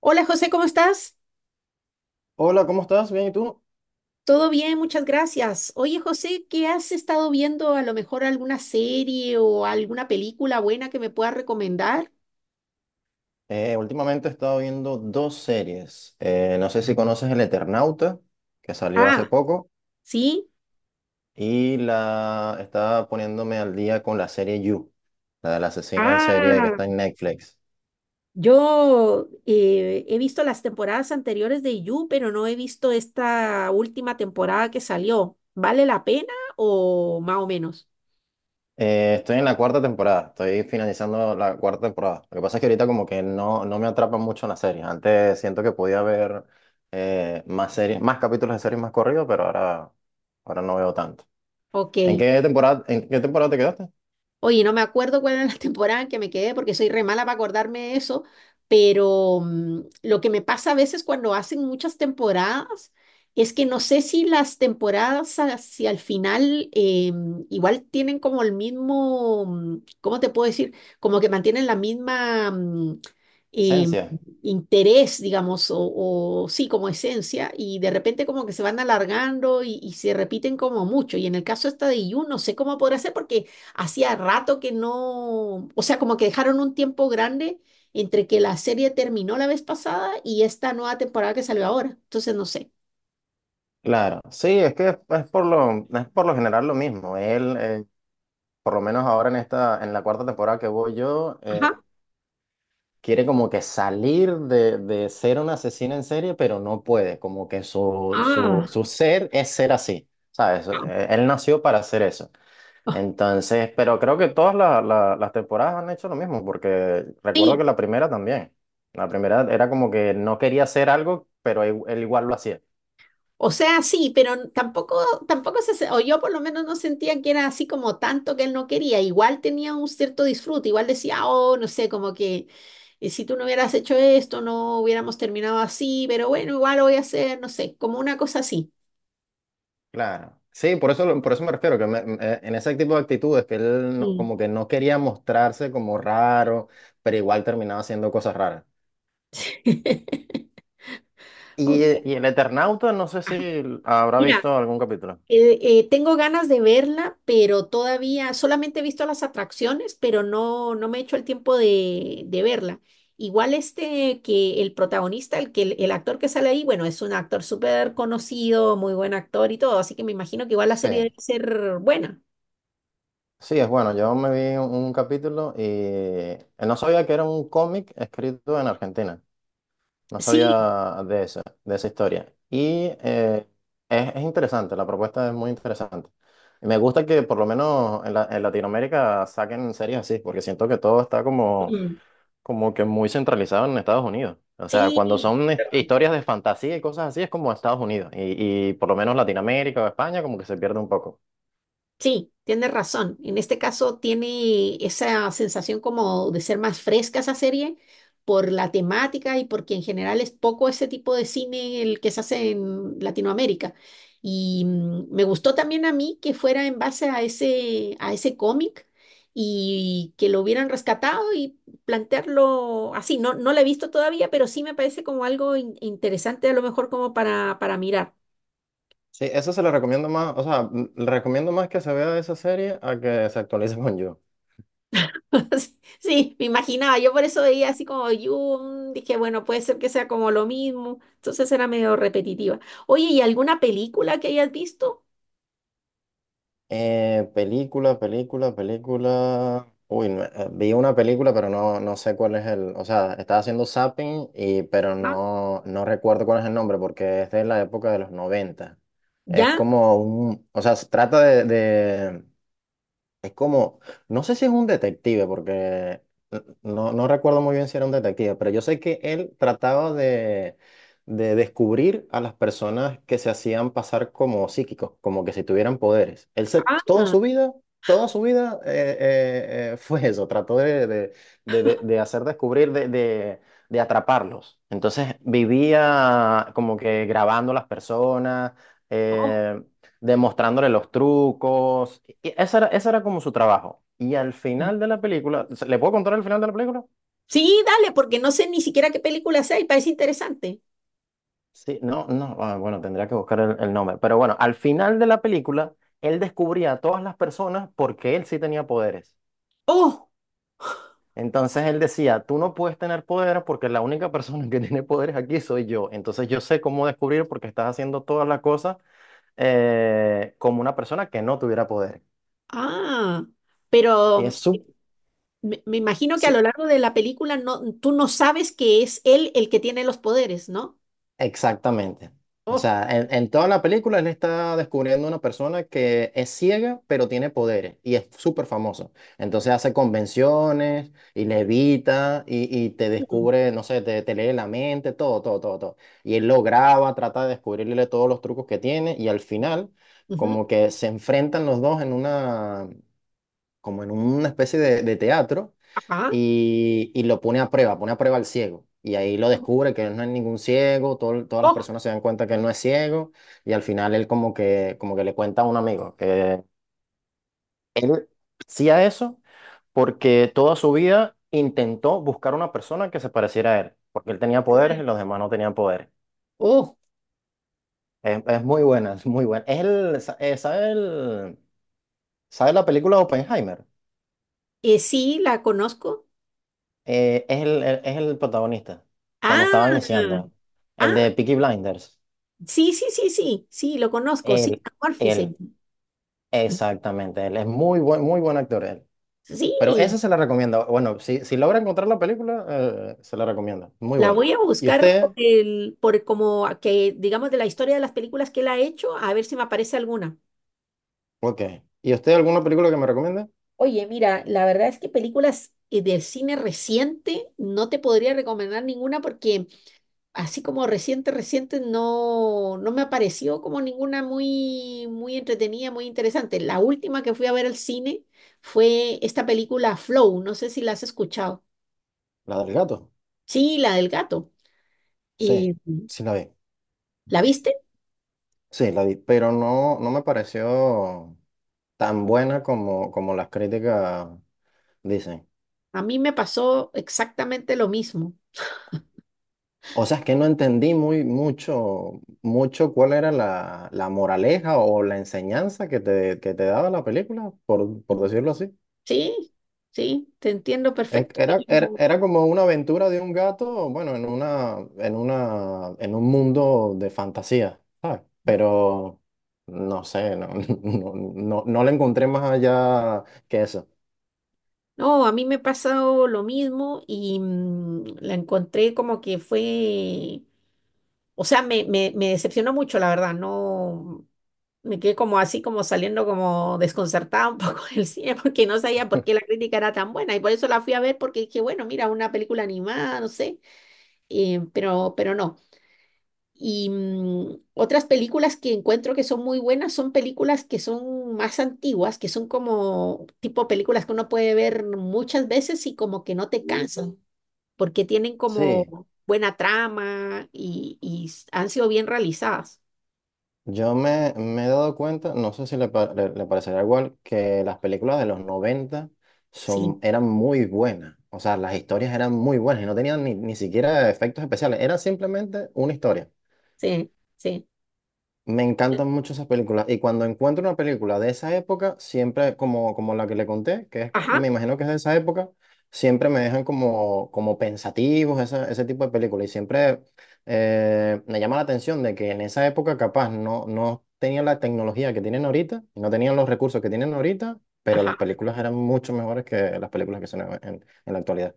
Hola José, ¿cómo estás? Hola, ¿cómo estás? Bien, ¿y tú? Todo bien, muchas gracias. Oye José, ¿qué has estado viendo? A lo mejor alguna serie o alguna película buena que me puedas recomendar. Últimamente he estado viendo dos series. No sé si conoces El Eternauta, que salió hace Ah, poco, sí. y la estaba poniéndome al día con la serie You, la del asesino en serie que Ah, está en Netflix. yo he visto las temporadas anteriores de You, pero no he visto esta última temporada que salió. ¿Vale la pena o más o menos? Estoy en la cuarta temporada, estoy finalizando la cuarta temporada. Lo que pasa es que ahorita como que no me atrapa mucho en la serie. Antes siento que podía ver más series, más capítulos de series más corridos, pero ahora no veo tanto. Ok. En qué temporada te quedaste? Oye, no me acuerdo cuál era la temporada en que me quedé porque soy re mala para acordarme de eso, pero lo que me pasa a veces cuando hacen muchas temporadas es que no sé si las temporadas hacia el final igual tienen como el mismo, ¿cómo te puedo decir? Como que mantienen la misma eh, Esencia, interés, digamos, o sí, como esencia, y de repente como que se van alargando y se repiten como mucho. Y en el caso esta de You, no sé cómo podrá ser porque hacía rato que no, o sea, como que dejaron un tiempo grande entre que la serie terminó la vez pasada y esta nueva temporada que salió ahora. Entonces, no sé. claro. Sí, es que es por es por lo general lo mismo. Él, por lo menos ahora en esta, en la cuarta temporada que voy yo, Ajá. quiere como que salir de ser un asesino en serie, pero no puede. Como que Ah, su ser es ser así, ¿sabes? no. Él nació para hacer eso. Ah, Entonces, pero creo que todas las temporadas han hecho lo mismo, porque recuerdo que sí. la primera también. La primera era como que no quería hacer algo, pero él igual lo hacía. O sea, sí, pero tampoco o yo por lo menos no sentía que era así como tanto que él no quería. Igual tenía un cierto disfrute, igual decía, oh, no sé, como que si tú no hubieras hecho esto, no hubiéramos terminado así, pero bueno, igual lo voy a hacer, no sé, como una cosa así. Claro. Sí, por eso me refiero, que en ese tipo de actitudes que él no- Mm. como que no quería mostrarse como raro, pero igual terminaba haciendo cosas raras. Ok. Y el Eternauta, no sé si habrá Mira, visto algún capítulo. Tengo ganas de verla, pero todavía solamente he visto las atracciones, pero no, no me he hecho el tiempo de verla. Igual este que el protagonista, el actor que sale ahí, bueno, es un actor súper conocido, muy buen actor y todo, así que me imagino que igual la serie Sí, debe ser buena. sí, es bueno. Yo me vi un capítulo y no sabía que era un cómic escrito en Argentina. No Sí, sabía de de esa historia. Y es interesante, la propuesta es muy interesante. Y me gusta que por lo menos en Latinoamérica saquen series así, porque siento que todo está mm, como que muy centralizado en Estados Unidos. O sea, cuando sí, son historias de fantasía y cosas así, es como Estados Unidos. Y por lo menos Latinoamérica o España como que se pierde un poco. sí, tienes razón. En este caso tiene esa sensación como de ser más fresca esa serie por la temática y porque en general es poco ese tipo de cine el que se hace en Latinoamérica. Y me gustó también a mí que fuera en base a ese cómic y que lo hubieran rescatado y plantearlo así. No, no lo he visto todavía, pero sí me parece como algo interesante a lo mejor como para mirar. Sí, eso se le recomiendo más, o sea, le recomiendo más que se vea esa serie a que se actualice con You. Sí, me imaginaba, yo por eso veía así como Dune, dije, bueno, puede ser que sea como lo mismo, entonces era medio repetitiva. Oye, ¿y alguna película que hayas visto? Película, película, película. Uy, no, vi una película, pero no sé cuál es el. O sea, estaba haciendo zapping, y, pero Ah, no recuerdo cuál es el nombre porque es de la época de los noventa. Es ¿ya? como un. O sea, se trata de es como, no sé si es un detective, porque no recuerdo muy bien si era un detective, pero yo sé que él trataba de descubrir a las personas que se hacían pasar como psíquicos, como que si tuvieran poderes. Toda Ah, su vida, toda su vida fue eso, trató de hacer descubrir, de, de atraparlos. Entonces vivía como que grabando a las personas. oh. eh, Demostrándole los trucos. Y ese era como su trabajo. Y al Ya. final de la película, ¿le puedo contar el final de la película? Sí, dale, porque no sé ni siquiera qué película sea y parece interesante. Sí, no, no, ah, bueno, tendría que buscar el nombre. Pero bueno, al final de la película, él descubría a todas las personas porque él sí tenía poderes. Oh, Entonces él decía, tú no puedes tener poderes porque la única persona que tiene poderes aquí soy yo. Entonces yo sé cómo descubrir porque estás haciendo todas las cosas como una persona que no tuviera poder. ah, Y es pero súper. me imagino que a lo largo de la película no, tú no sabes que es él el que tiene los poderes, ¿no? Exactamente. O Oh, sea, en toda la película él está descubriendo una persona que es ciega, pero tiene poderes y es súper famoso. Entonces hace convenciones y levita y te mm, descubre, no sé, te lee la mente, todo, todo, todo, todo. Y él lo graba, trata de descubrirle todos los trucos que tiene y al final como ujú, que se enfrentan los dos en una, como en una especie de teatro ajá, y lo pone a prueba al ciego. Y ahí lo descubre que él no es ningún ciego, todas las oh, personas se dan cuenta que él no es ciego y al final él como que le cuenta a un amigo que él hacía eso porque toda su vida intentó buscar una persona que se pareciera a él, porque él tenía poderes y los demás no tenían poderes. oh. Es muy buena, es muy buena. Es el, ¿sabe sabe la película Oppenheimer? Sí, la conozco. Es es el protagonista, cuando estaba Ah, iniciando, el ah, de Peaky Blinders. sí, sí, sí, sí, sí, lo conozco, sí, Él, a él, sí, exactamente, él es muy buen actor, él. Pero sí, esa se la recomiendo. Bueno, si logra encontrar la película, se la recomiendo. Muy la buena. voy a ¿Y buscar por usted? el, por como a que, digamos, de la historia de las películas que él ha hecho, a ver si me aparece alguna. Ok. ¿Y usted alguna película que me recomiende? Oye, mira, la verdad es que películas del cine reciente no te podría recomendar ninguna porque así como reciente, reciente, no, no me apareció como ninguna muy, muy entretenida, muy interesante. La última que fui a ver al cine fue esta película Flow, no sé si la has escuchado. La del gato. Sí, la del gato. Sí, Eh, sí la vi. ¿La viste? Sí, la vi. Pero no, no me pareció tan buena como, como las críticas dicen. A mí me pasó exactamente lo mismo. O sea, es que no entendí muy mucho, mucho cuál era la, la moraleja o la enseñanza que te daba la película, por decirlo así. Sí, sí, te entiendo perfecto. Era, era, era como una aventura de un gato, bueno, en una, en una, en un mundo de fantasía, ¿sabes? Pero no sé, no, no, no, no le encontré más allá que eso. No, a mí me ha pasado lo mismo y la encontré como que fue, o sea, me decepcionó mucho, la verdad. No, me quedé como así, como saliendo como desconcertada un poco del cine, porque no sabía por qué la crítica era tan buena. Y por eso la fui a ver, porque dije, bueno, mira, una película animada, no sé, pero no. Y otras películas que encuentro que son muy buenas son películas que son más antiguas, que son como tipo películas que uno puede ver muchas veces y como que no te cansas porque tienen como Sí, buena trama y han sido bien realizadas. yo me, me he dado cuenta, no sé si le, le parecerá igual, que las películas de los 90 Sí, son, eran muy buenas. O sea, las historias eran muy buenas y no tenían ni siquiera efectos especiales, era simplemente una historia. sí, sí. Me encantan mucho esas películas y cuando encuentro una película de esa época, siempre como, como la que le conté, que es, me Ajá, imagino que es de esa época, siempre me dejan como, como pensativos ese tipo de películas y siempre me llama la atención de que en esa época capaz no tenían la tecnología que tienen ahorita, no tenían los recursos que tienen ahorita, pero ajá. las películas eran mucho mejores que las películas que son en la actualidad.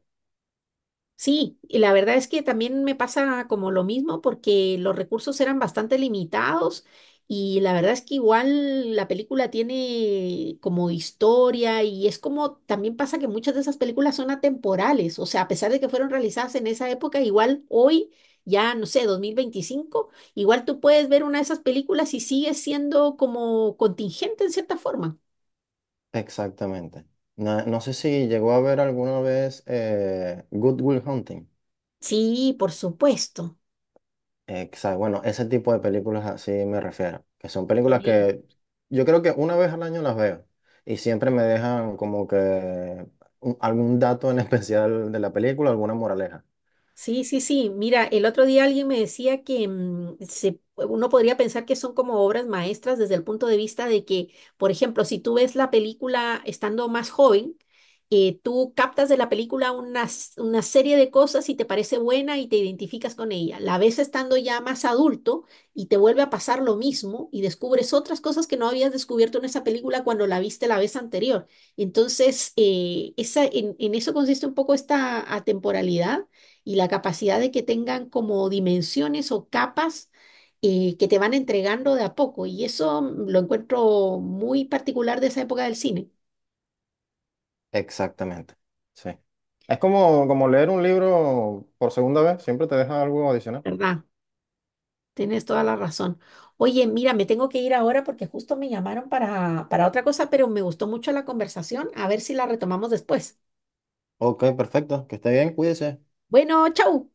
Sí, y la verdad es que también me pasa como lo mismo porque los recursos eran bastante limitados y la verdad es que igual la película tiene como historia y es como también pasa que muchas de esas películas son atemporales, o sea, a pesar de que fueron realizadas en esa época, igual hoy, ya no sé, 2025 igual tú puedes ver una de esas películas y sigue siendo como contingente en cierta forma. Exactamente. No, no sé si llegó a ver alguna vez Good Will Hunting. Sí, por supuesto. Exacto. Bueno, ese tipo de películas así me refiero, que son películas que yo creo que una vez al año las veo y siempre me dejan como que algún dato en especial de la película, alguna moraleja. Sí, sí, sí. Mira, el otro día alguien me decía que uno podría pensar que son como obras maestras desde el punto de vista de que, por ejemplo, si tú ves la película estando más joven, tú captas de la película una, una serie de cosas y te parece buena y te identificas con ella. La ves estando ya más adulto y te vuelve a pasar lo mismo y descubres otras cosas que no habías descubierto en esa película cuando la viste la vez anterior. Entonces, en eso consiste un poco esta atemporalidad y la capacidad de que tengan como dimensiones o capas que te van entregando de a poco. Y eso lo encuentro muy particular de esa época del cine, Exactamente. Sí. Es como, como leer un libro por segunda vez, siempre te deja algo adicional. ¿verdad? Tienes toda la razón. Oye, mira, me tengo que ir ahora porque justo me llamaron para otra cosa, pero me gustó mucho la conversación. A ver si la retomamos después. Ok, perfecto. Que esté bien, cuídese. Bueno, chau.